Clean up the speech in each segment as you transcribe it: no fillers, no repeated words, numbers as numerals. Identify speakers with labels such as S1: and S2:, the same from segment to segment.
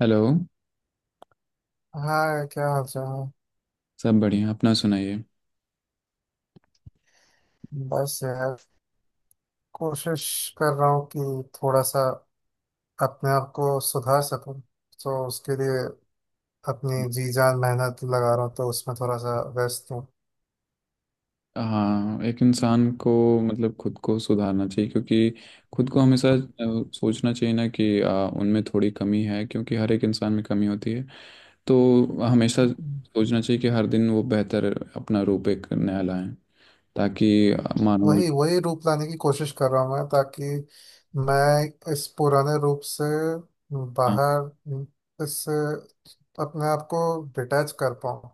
S1: Hello.
S2: हाँ, क्या हाल चाल
S1: सब बढ़िया, अपना सुनाइए।
S2: है? बस यार, कोशिश कर रहा हूँ कि थोड़ा सा अपने आप को सुधार सकूं। तो उसके लिए अपनी जी जान मेहनत लगा रहा हूँ, तो उसमें थोड़ा सा व्यस्त हूँ।
S1: हाँ, एक इंसान को मतलब खुद को सुधारना चाहिए, क्योंकि खुद को हमेशा सोचना चाहिए ना कि उनमें थोड़ी कमी है, क्योंकि हर एक इंसान में कमी होती है। तो हमेशा सोचना चाहिए कि हर दिन वो बेहतर अपना रूप एक नया लाएं, ताकि मानो।
S2: वही वही रूप लाने की कोशिश कर रहा हूँ मैं, ताकि मैं इस पुराने रूप से
S1: हाँ,
S2: बाहर, इस अपने आप को डिटैच कर पाऊँ।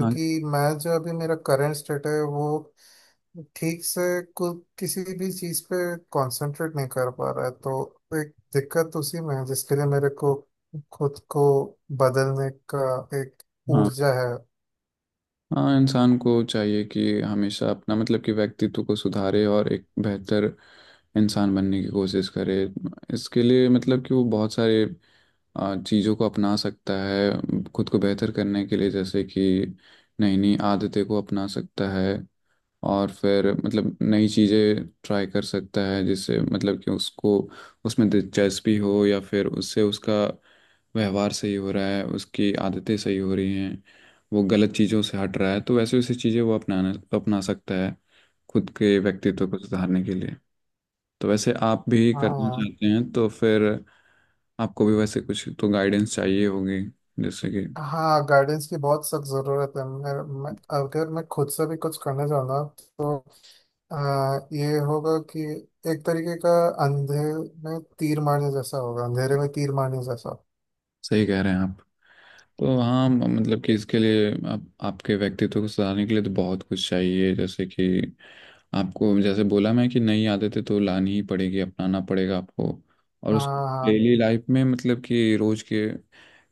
S1: हाँ,
S2: मैं जो अभी मेरा करंट स्टेट है, वो ठीक से कुछ किसी भी चीज पे कंसंट्रेट नहीं कर पा रहा है। तो एक दिक्कत उसी में है, जिसके लिए मेरे को खुद को बदलने का एक
S1: हाँ,
S2: ऊर्जा है।
S1: हाँ। इंसान को चाहिए कि हमेशा अपना मतलब कि व्यक्तित्व को सुधारे और एक बेहतर इंसान बनने की कोशिश करे। इसके लिए मतलब कि वो बहुत सारे चीज़ों को अपना सकता है खुद को बेहतर करने के लिए, जैसे कि नई नई आदतें को अपना सकता है। और फिर मतलब नई चीज़ें ट्राई कर सकता है, जिससे मतलब कि उसको उसमें दिलचस्पी हो या फिर उससे उसका व्यवहार सही हो रहा है, उसकी आदतें सही हो रही हैं, वो गलत चीज़ों से हट रहा है, तो वैसे वैसे चीज़ें वो अपनाना अपना सकता है खुद के व्यक्तित्व को सुधारने के लिए। तो वैसे आप भी करना
S2: हाँ,
S1: चाहते हैं तो फिर आपको भी वैसे कुछ तो गाइडेंस चाहिए होगी, जैसे कि
S2: हाँ, गाइडेंस की बहुत सख्त जरूरत है। मैं अगर मैं खुद से भी कुछ करने जाऊँ ना तो आ, ये होगा कि एक तरीके का अंधे में तीर मारने जैसा होगा, अंधेरे में तीर मारने जैसा।
S1: सही कह रहे हैं आप। तो हाँ, मतलब कि इसके लिए आप आपके व्यक्तित्व को सुधारने के लिए तो बहुत कुछ चाहिए, जैसे कि आपको जैसे बोला मैं कि नई आदतें तो लानी ही पड़ेगी, अपनाना पड़ेगा आपको। और
S2: हाँ,
S1: उसको
S2: हाँ,
S1: डेली लाइफ में मतलब कि रोज के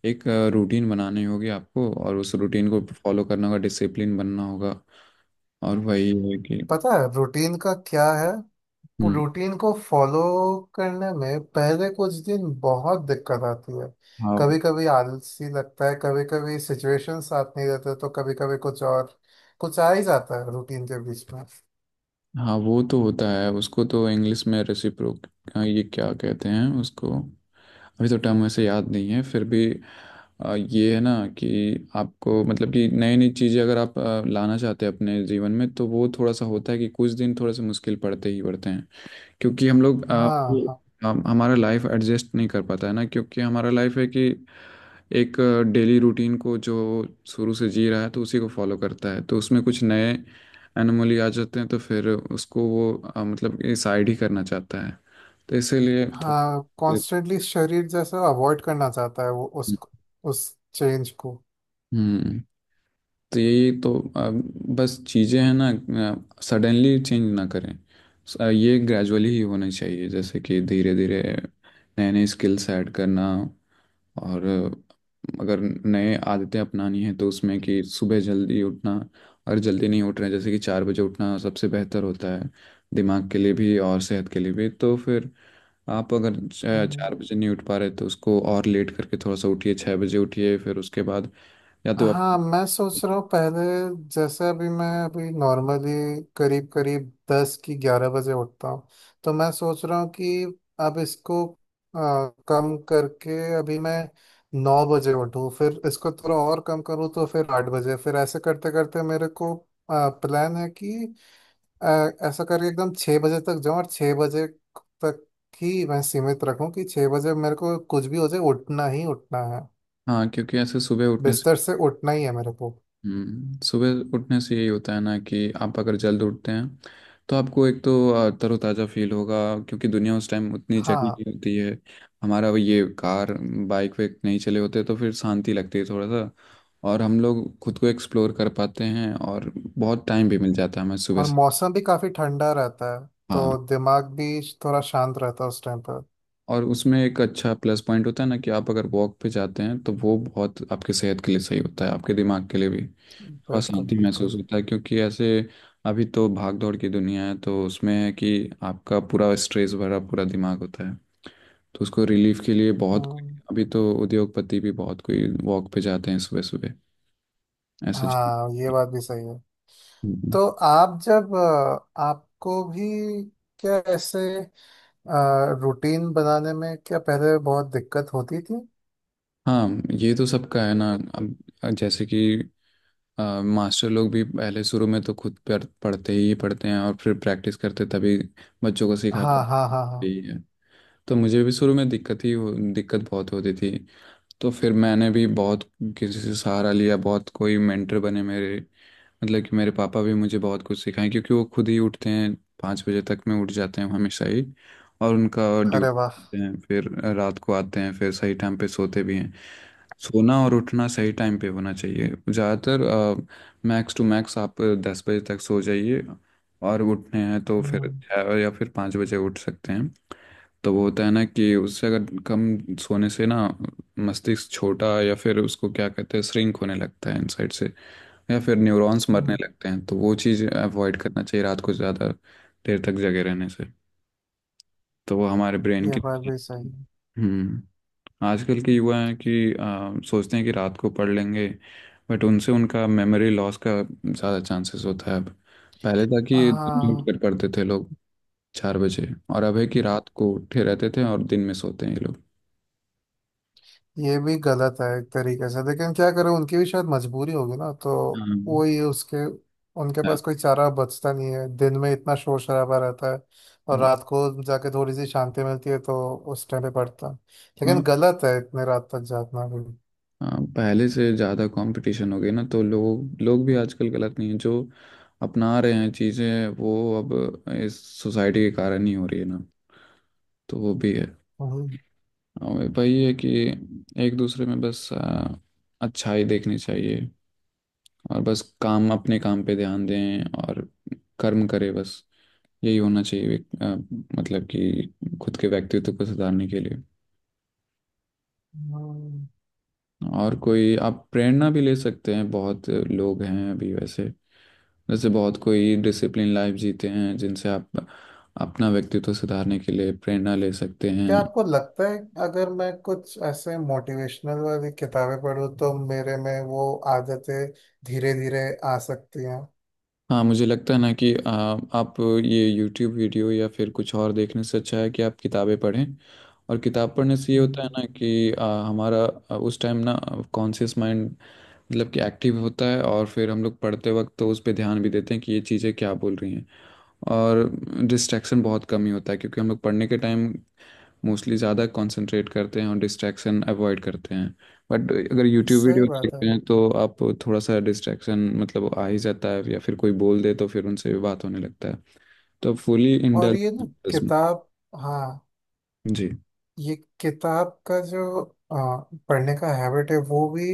S1: एक रूटीन बनानी होगी आपको, और उस रूटीन को फॉलो करना होगा, डिसिप्लिन बनना होगा। और वही है कि…
S2: पता है रूटीन का क्या है।
S1: हम्म।
S2: रूटीन को फॉलो करने में पहले कुछ दिन बहुत दिक्कत आती है।
S1: हाँ
S2: कभी कभी आलसी लगता है, कभी कभी सिचुएशन साथ नहीं देते, तो कभी कभी कुछ और कुछ आ ही जाता है रूटीन के बीच में।
S1: हाँ, वो तो होता है। उसको तो इंग्लिश में रेसिप्रोक, ये क्या कहते हैं उसको, अभी तो टर्म ऐसे याद नहीं है फिर भी। ये है ना कि आपको मतलब कि नई नई चीज़ें अगर आप लाना चाहते हैं अपने जीवन में, तो वो थोड़ा सा होता है कि कुछ दिन थोड़े से मुश्किल पड़ते ही पड़ते हैं। क्योंकि हम लोग
S2: हाँ,
S1: जी,
S2: हाँ,
S1: हम हमारा लाइफ एडजस्ट नहीं कर पाता है ना, क्योंकि हमारा लाइफ है कि एक डेली रूटीन को जो शुरू से जी रहा है तो उसी को फॉलो करता है, तो उसमें कुछ नए एनोमली आ जाते हैं, तो फिर उसको वो मतलब ये साइड ही करना चाहता है। तो इसीलिए
S2: हाँ, कॉन्स्टेंटली शरीर जैसे अवॉइड करना चाहता है वो उस उस चेंज को।
S1: हम्म। तो यही तो बस चीज़ें हैं ना। सडनली चेंज ना करें। ये ग्रेजुअली ही होना चाहिए, जैसे कि धीरे धीरे नए नए स्किल्स ऐड करना। और अगर नए आदतें अपनानी है तो उसमें कि सुबह जल्दी उठना। अगर जल्दी नहीं उठ रहे हैं, जैसे कि 4 बजे उठना सबसे बेहतर होता है दिमाग के लिए भी और सेहत के लिए भी। तो फिर आप अगर
S2: हम्म।
S1: चार बजे नहीं उठ पा रहे, तो उसको और लेट करके थोड़ा सा उठिए, 6 बजे उठिए, फिर उसके बाद या तो आप…
S2: हाँ, मैं सोच रहा हूँ। पहले जैसे अभी, मैं अभी नॉर्मली करीब करीब 10 की 11 बजे उठता हूँ। तो मैं सोच रहा हूँ कि अब इसको कम करके अभी मैं 9 बजे उठूँ, फिर इसको थोड़ा और कम करूँ तो फिर 8 बजे, फिर ऐसे करते करते मेरे को प्लान है कि ऐसा करके एकदम 6 बजे तक जाऊँ, और 6 बजे तक ही मैं सीमित रखूँ कि 6 बजे मेरे को कुछ भी हो जाए, उठना ही उठना है,
S1: हाँ, क्योंकि ऐसे सुबह उठने…
S2: बिस्तर से उठना ही है मेरे को।
S1: सुबह उठने से यही होता है ना कि आप अगर जल्द उठते हैं तो आपको एक तो तरोताज़ा फील होगा, क्योंकि दुनिया उस टाइम उतनी जगी
S2: हाँ,
S1: नहीं होती है। हमारा वो ये कार, बाइक वेक नहीं चले होते, तो फिर शांति लगती है थोड़ा सा। और हम लोग खुद को एक्सप्लोर कर पाते हैं, और बहुत टाइम भी मिल जाता है हमें सुबह
S2: और
S1: से।
S2: मौसम भी काफी ठंडा रहता है,
S1: हाँ।
S2: तो दिमाग भी थोड़ा शांत रहता है उस टाइम पर।
S1: और उसमें एक अच्छा प्लस पॉइंट होता है ना कि आप अगर वॉक पे जाते हैं तो वो बहुत आपके सेहत के लिए सही होता है, आपके दिमाग के लिए भी। थोड़ा
S2: बिल्कुल,
S1: शांति
S2: बिल्कुल।
S1: महसूस होता है, क्योंकि ऐसे अभी तो भाग दौड़ की दुनिया है, तो उसमें है कि आपका पूरा स्ट्रेस भरा पूरा दिमाग होता है। तो उसको रिलीफ के लिए बहुत कोई…
S2: हम्म,
S1: अभी तो उद्योगपति भी बहुत कोई वॉक पे जाते हैं सुबह सुबह, ऐसे चीज़।
S2: हाँ, ये बात भी सही है।
S1: हम्म।
S2: तो आप जब, आपको भी क्या ऐसे रूटीन बनाने में क्या पहले बहुत दिक्कत होती थी?
S1: हाँ, ये तो सबका है ना। अब जैसे कि मास्टर लोग भी पहले शुरू में तो खुद पर पढ़ते ही पढ़ते हैं और फिर प्रैक्टिस करते तभी बच्चों को सिखा
S2: हाँ,
S1: पाते
S2: हाँ, हाँ, हाँ।
S1: ही है। तो मुझे भी शुरू में दिक्कत ही दिक्कत बहुत होती थी। तो फिर मैंने भी बहुत किसी से सहारा लिया, बहुत कोई मेंटर बने मेरे, मतलब कि मेरे पापा भी मुझे बहुत कुछ सिखाए। क्योंकि वो खुद ही उठते हैं, 5 बजे तक में उठ जाते हैं हमेशा ही, और उनका
S2: अरे वाह।
S1: ड्यूटी हैं फिर रात को आते हैं, फिर सही टाइम पे सोते भी हैं। सोना और उठना सही टाइम पे होना चाहिए ज़्यादातर। मैक्स टू मैक्स आप 10 बजे तक सो जाइए, और उठने हैं तो फिर
S2: हम्म।
S1: 6 या फिर 5 बजे उठ सकते हैं। तो वो होता है ना कि उससे अगर कम सोने से ना मस्तिष्क छोटा, या फिर उसको क्या कहते हैं, श्रिंक होने लगता है इनसाइड से। या फिर न्यूरॉन्स मरने
S2: हम्म,
S1: लगते हैं, तो वो चीज़ अवॉइड करना चाहिए रात को ज़्यादा देर तक जगे रहने से, तो वो हमारे ब्रेन
S2: ये
S1: के
S2: बात
S1: लिए।
S2: भी सही है।
S1: हम्म। आजकल के युवा हैं कि सोचते हैं कि रात को पढ़ लेंगे, बट उनसे उनका मेमोरी लॉस का ज़्यादा चांसेस होता है। अब पहले था कि दिन में उठ
S2: हाँ,
S1: कर पढ़ते थे लोग 4 बजे। और अब है कि रात को उठे रहते थे और दिन में सोते हैं ये लोग।
S2: ये भी गलत है एक तरीके से, लेकिन क्या करें, उनकी भी शायद मजबूरी होगी ना, तो
S1: हाँ,
S2: वो ही उसके, उनके पास कोई चारा बचता नहीं है। दिन में इतना शोर शराबा रहता है, और
S1: हाँ,
S2: रात को जाके थोड़ी सी शांति मिलती है, तो उस टाइम पे पड़ता है।
S1: हाँ,
S2: लेकिन गलत है इतने रात तक जागना भी।
S1: हाँ, पहले से ज़्यादा कंपटीशन हो गई ना, तो लोग लोग भी आजकल गलत नहीं है, जो अपना रहे हैं चीज़ें वो अब इस सोसाइटी के कारण ही हो रही है ना, तो वो भी है।
S2: हम्म,
S1: और वही है कि एक दूसरे में बस अच्छाई देखनी चाहिए, और बस काम अपने काम पे ध्यान दें और कर्म करें बस। यही होना चाहिए। आ, मतलब कि खुद के व्यक्तित्व को सुधारने के लिए।
S2: हम्म।
S1: और कोई आप प्रेरणा भी ले सकते हैं, बहुत लोग हैं अभी वैसे, जैसे बहुत कोई डिसिप्लिन लाइफ जीते हैं जिनसे आप अपना व्यक्तित्व सुधारने के लिए प्रेरणा ले सकते
S2: क्या
S1: हैं।
S2: आपको लगता है, अगर मैं कुछ ऐसे मोटिवेशनल वाली किताबें पढूं तो मेरे में वो आदतें धीरे धीरे आ सकती हैं?
S1: हाँ, मुझे लगता है ना कि आप ये यूट्यूब वीडियो या फिर कुछ और देखने से अच्छा है कि आप किताबें पढ़ें। और किताब पढ़ने से ये होता है
S2: हम्म,
S1: ना कि हमारा उस टाइम ना कॉन्शियस माइंड मतलब कि एक्टिव होता है, और फिर हम लोग पढ़ते वक्त तो उस पर ध्यान भी देते हैं कि ये चीज़ें क्या बोल रही हैं। और डिस्ट्रैक्शन बहुत कम ही होता है, क्योंकि हम लोग पढ़ने के टाइम मोस्टली ज़्यादा कंसंट्रेट करते हैं और डिस्ट्रैक्शन अवॉइड करते हैं। बट अगर यूट्यूब
S2: सही
S1: वीडियो
S2: बात है।
S1: देखते हैं, तो आप थोड़ा सा डिस्ट्रैक्शन मतलब आ ही जाता है, या फिर कोई बोल दे तो फिर उनसे भी बात होने लगता है, तो फुली
S2: और
S1: इंडल्ज
S2: ये ना,
S1: उसमें।
S2: किताब, हाँ,
S1: जी।
S2: ये किताब का जो आ, पढ़ने का हैबिट है वो भी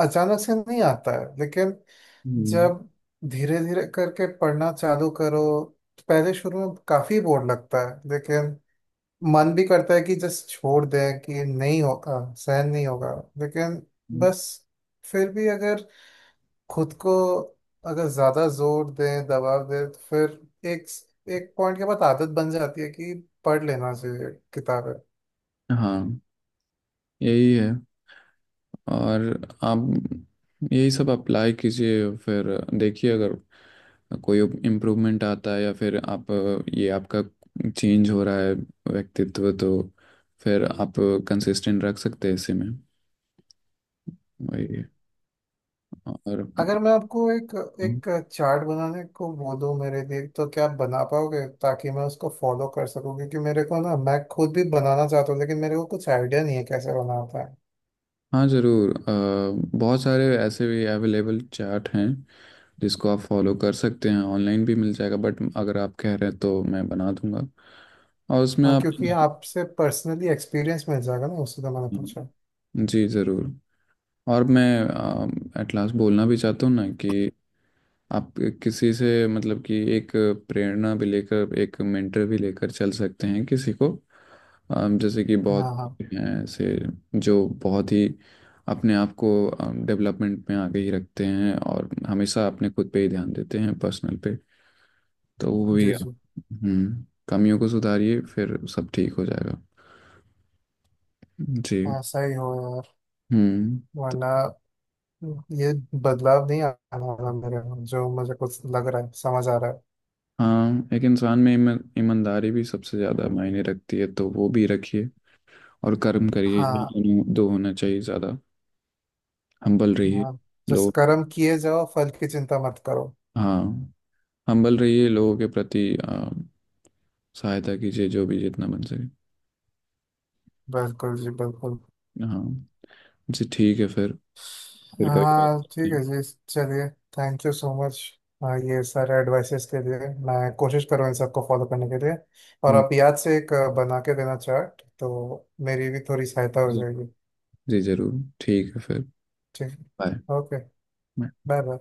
S2: अचानक से नहीं आता है, लेकिन
S1: हम्म।
S2: जब धीरे धीरे करके पढ़ना चालू करो तो पहले शुरू में काफी बोर लगता है। लेकिन मन भी करता है कि जस्ट छोड़ दें कि नहीं होगा, सहन नहीं होगा, लेकिन बस, फिर भी अगर खुद को, अगर ज्यादा जोर दें, दबाव दें तो फिर एक एक पॉइंट के बाद आदत बन जाती है कि पढ़ लेना चाहिए किताबें।
S1: हाँ, यही है। और आप यही सब अप्लाई कीजिए, फिर देखिए अगर कोई इम्प्रूवमेंट आता है, या फिर आप ये आपका चेंज हो रहा है व्यक्तित्व, तो फिर आप कंसिस्टेंट रख सकते हैं इसी में। वही है। और
S2: अगर मैं आपको एक एक चार्ट बनाने को बोलूँ मेरे लिए, तो क्या आप बना पाओगे, ताकि मैं उसको फॉलो कर सकूँ? क्योंकि मेरे को ना, मैं खुद भी बनाना चाहता हूँ, लेकिन मेरे को कुछ आइडिया नहीं है कैसे बनाता है।
S1: हाँ, ज़रूर, बहुत सारे ऐसे भी अवेलेबल चार्ट हैं जिसको आप फॉलो कर सकते हैं, ऑनलाइन भी मिल जाएगा, बट अगर आप कह रहे हैं तो मैं बना दूंगा। और उसमें
S2: हाँ,
S1: आप…
S2: क्योंकि आपसे पर्सनली एक्सपीरियंस मिल जाएगा ना उससे, तो मैंने पूछा।
S1: जी, ज़रूर। और मैं एट लास्ट बोलना भी चाहता हूँ ना कि आप किसी से मतलब कि एक प्रेरणा भी लेकर, एक मेंटर भी लेकर चल सकते हैं किसी को। जैसे कि बहुत
S2: हाँ, हाँ।
S1: हैं ऐसे, जो बहुत ही अपने आप को डेवलपमेंट में आगे ही रखते हैं और हमेशा अपने खुद पे ही ध्यान देते हैं पर्सनल पे। तो वो भी
S2: जी, जी।
S1: हम्म, कमियों को सुधारिए फिर सब ठीक हो जाएगा। जी।
S2: हाँ, सही हो यार।
S1: हम्म। तो…
S2: वरना ये बदलाव नहीं आना वाला मेरे में, जो मुझे कुछ लग रहा है, समझ आ रहा है।
S1: हाँ, एक इंसान में ईमानदारी भी सबसे ज़्यादा मायने रखती है, तो वो भी रखिए। और कर्म करिए, यही
S2: हाँ।
S1: दोनों दो होना चाहिए ज्यादा। हम्बल रहिए,
S2: हाँ, जिस
S1: लोग…
S2: कर्म किए जाओ, फल की चिंता मत करो।
S1: हाँ, हम्बल रहिए लोगों के प्रति, सहायता कीजिए जो भी जितना बन सके।
S2: बिल्कुल जी, बिल्कुल।
S1: हाँ। जी, ठीक है फिर कभी बात
S2: हाँ,
S1: करते
S2: ठीक
S1: हैं।
S2: है जी, चलिए। Thank you so much. हाँ, ये सारे एडवाइसेस के लिए। मैं कोशिश करूँ इन सबको फॉलो करने के लिए। और
S1: हम्म,
S2: आप याद से एक बना के देना चार्ट, तो मेरी भी थोड़ी सहायता हो
S1: जी।
S2: जाएगी।
S1: जी, जरूर, ठीक है फिर।
S2: ठीक।
S1: बाय।
S2: ओके। Bye bye.